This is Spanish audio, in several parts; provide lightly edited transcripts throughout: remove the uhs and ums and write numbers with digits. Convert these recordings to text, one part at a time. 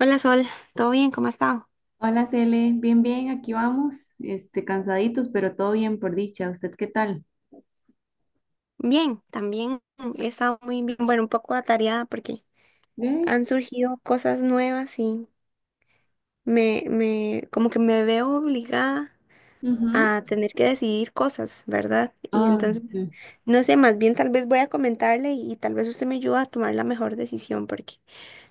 Hola Sol, ¿todo bien? ¿Cómo has estado? Hola, Cele. Bien, bien, aquí vamos. Este, cansaditos, pero todo bien por dicha. ¿Usted qué tal? Bien, también he estado muy bien, bueno, un poco atareada porque Ve. han surgido cosas nuevas y como que me veo obligada Ujú. a tener que decidir cosas, ¿verdad? Y Ah, entonces, sí. no sé, más bien tal vez voy a comentarle y tal vez usted me ayuda a tomar la mejor decisión porque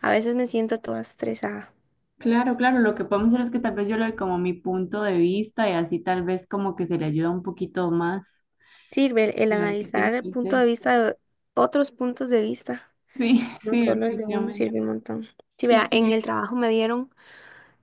a veces me siento toda estresada. Claro, claro. Lo que podemos hacer es que tal vez yo le doy como mi punto de vista y así tal vez como que se le ayuda un poquito más. Sirve el Pero ahí, ¿qué tiene analizar el que punto de ser? vista de otros puntos de vista, Sí, no sí, solo el de uno, definitivamente. sirve un montón. Sí, vea, Y en que, el trabajo me dieron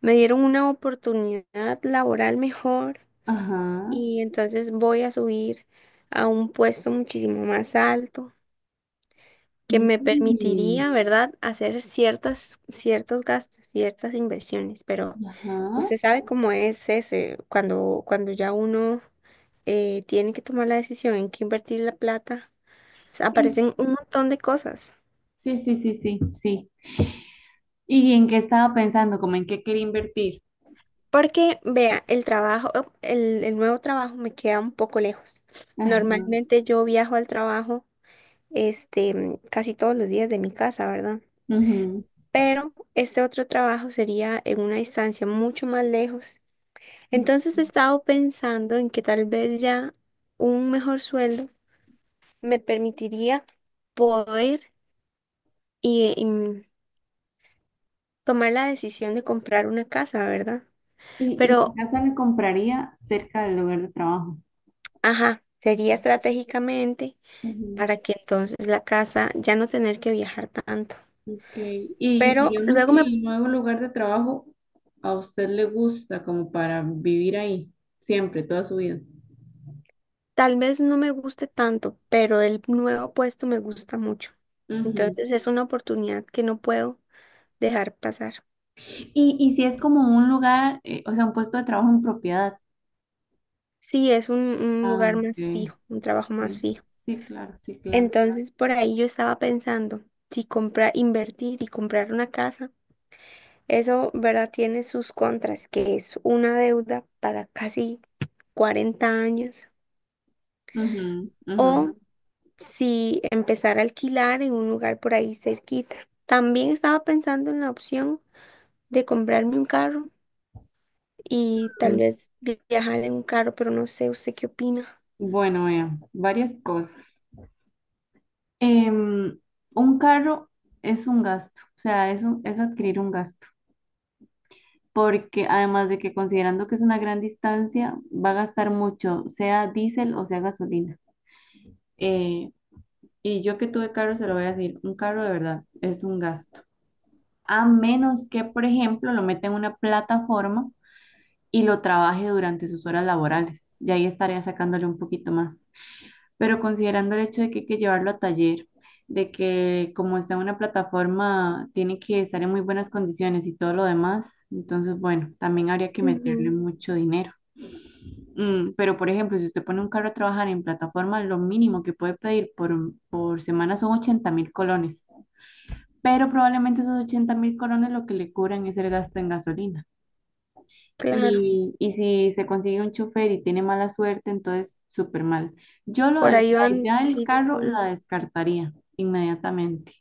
me dieron una oportunidad laboral mejor ajá. y entonces voy a subir a un puesto muchísimo más alto que me Mm, permitiría, ¿verdad?, hacer ciertos gastos, ciertas inversiones. Pero ajá. usted sabe cómo es ese, cuando ya uno tiene que tomar la decisión en qué invertir la plata, o sea, Sí, aparecen un montón de cosas. sí, sí, sí, sí, sí. ¿Y en qué estaba pensando? ¿Como en qué quería invertir? Porque, vea, el nuevo trabajo me queda un poco lejos. Ajá. Normalmente yo viajo al trabajo casi todos los días de mi casa, ¿verdad? Pero este otro trabajo sería en una distancia mucho más lejos. Ujú. Entonces he estado pensando en que tal vez ya un mejor sueldo me permitiría poder y, y mm, tomar la decisión de comprar una casa, ¿verdad? Y la Pero, casa la compraría cerca del lugar de trabajo. ajá, sería estratégicamente Ujú, para que entonces la casa ya no tener que viajar tanto. ok. Y Pero digamos luego que me el nuevo lugar de trabajo a usted le gusta como para vivir ahí, siempre, toda su vida. Tal vez no me guste tanto, pero el nuevo puesto me gusta mucho. Ujú. Entonces es una oportunidad que no puedo dejar pasar. Y si es como un lugar, o sea, un puesto de trabajo en propiedad. Sí, es un Ah, lugar más ok. fijo, un trabajo más Sí, fijo. sí, claro, sí, claro. Entonces por ahí yo estaba pensando, si comprar, invertir y comprar una casa, eso, ¿verdad? Tiene sus contras, que es una deuda para casi 40 años. Ujú, ujú. O si empezar a alquilar en un lugar por ahí cerquita. También estaba pensando en la opción de comprarme un carro y tal Mm. vez viajar en un carro, pero no sé, ¿usted qué opina? Bueno, vea, varias cosas. Em, un carro es un gasto, o sea, es adquirir un gasto, porque además de que considerando que es una gran distancia, va a gastar mucho, sea diésel o sea gasolina. Eh, y yo que tuve carro, se lo voy a decir, un carro de verdad es un gasto. A menos que, por ejemplo, lo meta en una plataforma y lo trabaje durante sus horas laborales. Y ahí estaría sacándole un poquito más. Pero considerando el hecho de que hay que llevarlo a taller, de que como está en una plataforma, tiene que estar en muy buenas condiciones y todo lo demás, entonces, bueno, también habría que meterle Ujú. mucho dinero. Pero, por ejemplo, si usted pone un carro a trabajar en plataforma, lo mínimo que puede pedir por semana son 80.000 colones. Pero probablemente esos 80.000 colones lo que le cubran es el gasto en gasolina. Claro, Y si se consigue un chofer y tiene mala suerte, entonces súper mal. Yo por ahí la van, idea del sí, carro la sí, descartaría inmediatamente.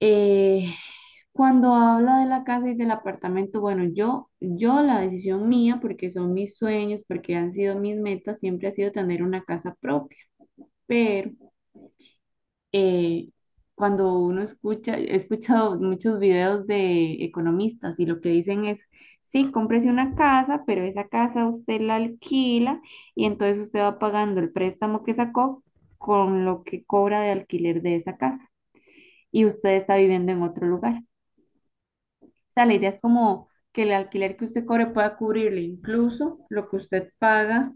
Eh, Cuando habla de la casa y del apartamento, bueno, yo la decisión mía, porque son mis sueños, porque han sido mis metas, siempre ha sido tener una casa propia. Pero eh, cuando uno escucha, he escuchado muchos videos de economistas y lo que dicen es, sí, cómprese una casa, pero esa casa usted la alquila y entonces usted va pagando el préstamo que sacó con lo que cobra de alquiler de esa casa y usted está viviendo en otro lugar. O sea, la idea es como que el alquiler que usted cobre pueda cubrirle incluso lo que usted paga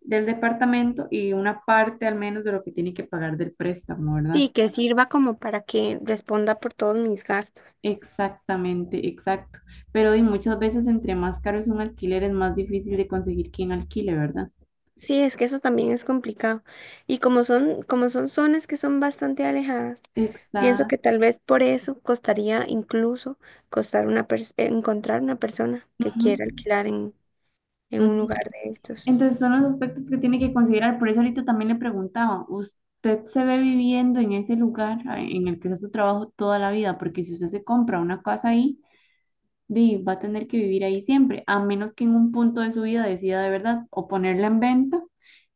del departamento y una parte al menos de lo que tiene que pagar del préstamo, ¿verdad? sí, que sirva como para que responda por todos mis gastos. Exactamente, exacto. Pero y muchas veces entre más caro es un alquiler, es más difícil de conseguir quien alquile, ¿verdad? Sí, es que eso también es complicado. Y como son zonas que son bastante alejadas, pienso Exacto. que tal vez por eso costaría incluso costar una pers- encontrar una persona que Ujú, quiera alquilar en ujú. un lugar de estos. Entonces son los aspectos que tiene que considerar. Por eso ahorita también le preguntaba, ¿usted se ve viviendo en ese lugar ah, en el que hace su trabajo toda la vida? Porque si usted se compra una casa ahí, di, va a tener que vivir ahí siempre, a menos que en un punto de su vida decida de verdad o ponerla en venta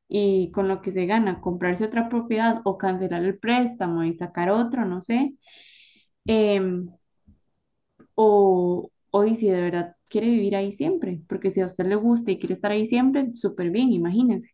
y con lo que se gana, comprarse otra propiedad o cancelar el préstamo y sacar otro, no sé, em, o y si de verdad quiere vivir ahí siempre, porque si a usted le gusta y quiere estar ahí siempre, súper bien, imagínense.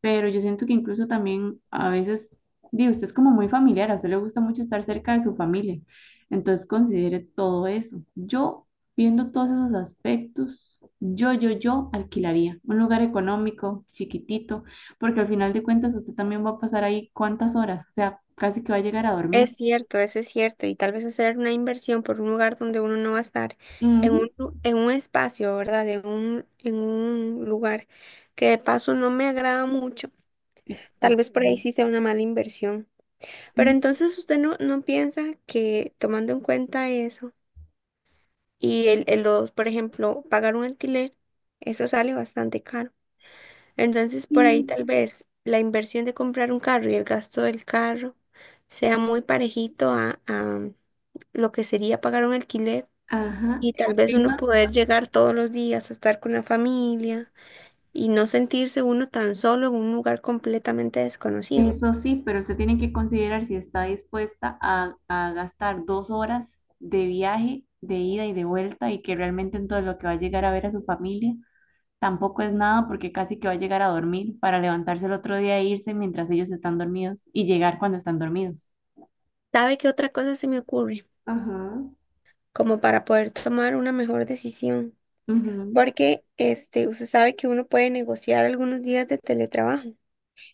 Pero yo siento que incluso también a veces, digo, usted es como muy familiar, a usted le gusta mucho estar cerca de su familia, entonces considere todo eso. Yo, viendo todos esos aspectos, yo alquilaría un lugar económico, chiquitito, porque al final de cuentas usted también va a pasar ahí cuántas horas, o sea, casi que va a llegar a Es dormir. cierto, eso es cierto, y tal vez hacer una inversión por un lugar donde uno no va a estar, Ujú. En un espacio, ¿verdad? En un lugar que de paso no me agrada mucho, tal vez por ahí Exactamente. sí sea una mala inversión. Pero Sí, entonces usted no piensa que tomando en cuenta eso y por ejemplo, pagar un alquiler, eso sale bastante caro. Entonces, por ahí sí, tal vez la inversión de comprar un carro y el gasto del carro sea muy parejito a lo que sería pagar un alquiler ajá. y tal El vez uno tema. poder llegar todos los días a estar con la familia y no sentirse uno tan solo en un lugar completamente desconocido. Eso sí, pero usted tiene que considerar si está dispuesta a, gastar 2 horas de viaje, de ida y de vuelta, y que realmente entonces lo que va a llegar a ver a su familia tampoco es nada, porque casi que va a llegar a dormir para levantarse el otro día e irse mientras ellos están dormidos y llegar cuando están dormidos. ¿Sabe qué otra cosa se me ocurre? Ajá, Como para poder tomar una mejor decisión. ujú. Porque este, usted sabe que uno puede negociar algunos días de teletrabajo.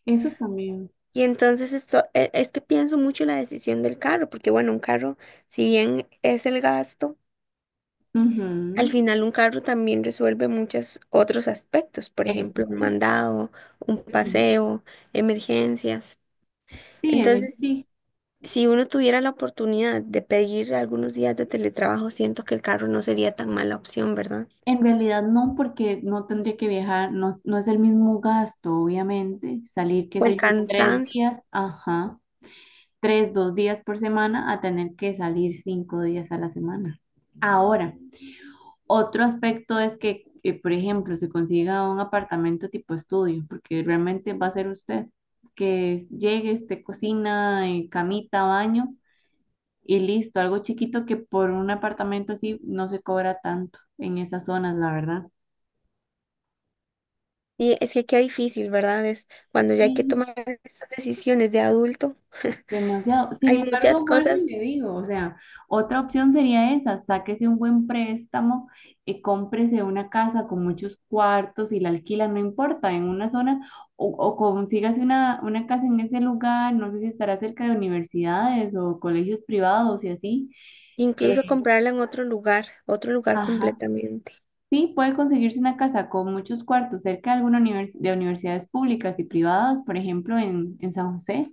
Eso también. Y entonces es que pienso mucho en la decisión del carro, porque bueno, un carro, si bien es el gasto, al Ujú. final un carro también resuelve muchos otros aspectos, por Eso ejemplo, un sí. mandado, un Ujú. paseo, emergencias. Sí, Entonces, sí. si uno tuviera la oportunidad de pedir algunos días de teletrabajo, siento que el carro no sería tan mala opción, ¿verdad? En realidad no, porque no tendría que viajar, no, no es el mismo gasto, obviamente, salir, qué O el sé yo, tres cansancio. días, ajá, tres, 2 días por semana a tener que salir 5 días a la semana. Ahora, otro aspecto es que, por ejemplo, se consiga un apartamento tipo estudio, porque realmente va a ser usted que llegue, esté cocina, camita, baño y listo, algo chiquito que por un apartamento así no se cobra tanto en esas zonas, la verdad. Y es que qué difícil, ¿verdad? Es cuando ya hay que tomar estas decisiones de adulto, Demasiado. Sin hay muchas embargo, vuelvo y cosas. le digo, o sea, otra opción sería esa, sáquese un buen préstamo, y cómprese una casa con muchos cuartos y la alquila, no importa, en una zona, o consígase una casa en ese lugar, no sé si estará cerca de universidades o colegios privados y así. Incluso Eh, comprarla en otro lugar ajá. completamente. Sí, puede conseguirse una casa con muchos cuartos cerca de alguna de universidades públicas y privadas, por ejemplo, en San José,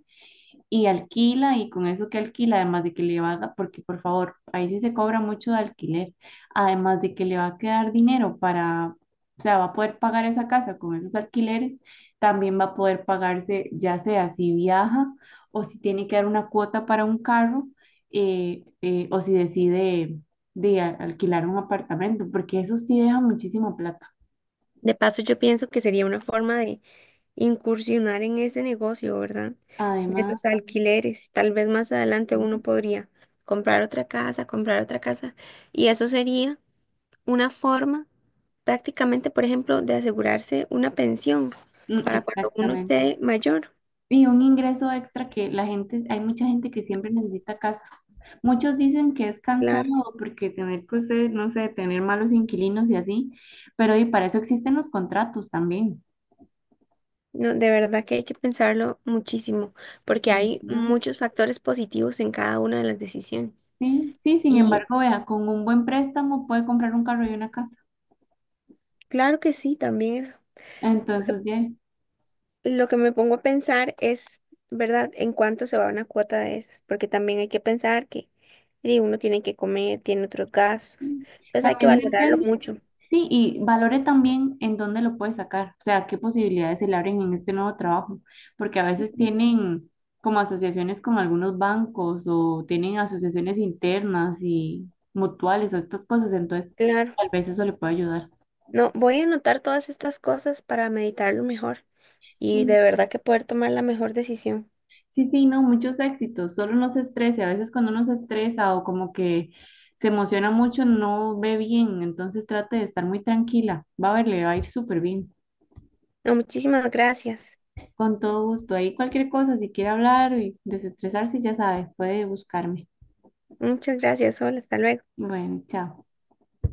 y alquila y con eso que alquila, además de que le va a, porque por favor, ahí sí se cobra mucho de alquiler, además de que le va a quedar dinero para, o sea, va a poder pagar esa casa con esos alquileres, también va a poder pagarse, ya sea si viaja o si tiene que dar una cuota para un carro o si decide alquilar un apartamento, porque eso sí deja muchísima plata. De paso, yo pienso que sería una forma de incursionar en ese negocio, ¿verdad? De Además, los alquileres. Tal vez más adelante uno sí, podría comprar otra casa, comprar otra casa. Y eso sería una forma prácticamente, por ejemplo, de asegurarse una pensión mm, para cuando uno exactamente. esté mayor. Y un ingreso extra que la gente, hay mucha gente que siempre necesita casa. Muchos dicen que es Claro. cansado porque tener, pues, no sé, tener malos inquilinos y así, pero y para eso existen los contratos también. No, de verdad que hay que pensarlo muchísimo, porque Mm, hay ¿no? muchos factores positivos en cada una de las decisiones. Sí, sí, sin Y embargo, vea, con un buen préstamo puede comprar un carro y una casa. Claro que sí, también Entonces, ya. Lo que me pongo a pensar es, ¿verdad?, en cuánto se va una cuota de esas, porque también hay que pensar que di, uno tiene que comer, tiene otros gastos, entonces hay que También valorarlo depende, mucho. sí, y valore también en dónde lo puede sacar, o sea, qué posibilidades se le abren en este nuevo trabajo, porque a veces Ujú. tienen como asociaciones con algunos bancos o tienen asociaciones internas y mutuales o estas cosas, entonces Claro. tal vez eso le puede ayudar. No, voy a anotar todas estas cosas para meditarlo mejor y Sí, de verdad que poder tomar la mejor decisión. sí, sí, no, muchos éxitos, solo no se estrese, a veces cuando uno se estresa o como que se emociona mucho, no ve bien, entonces trate de estar muy tranquila, va a ver, le va a ir súper bien. No, muchísimas gracias. Con todo gusto. Ahí cualquier cosa, si quiere hablar y desestresarse, ya sabe, puede buscarme. Muchas gracias, Sol. Hasta luego. Bueno, chao.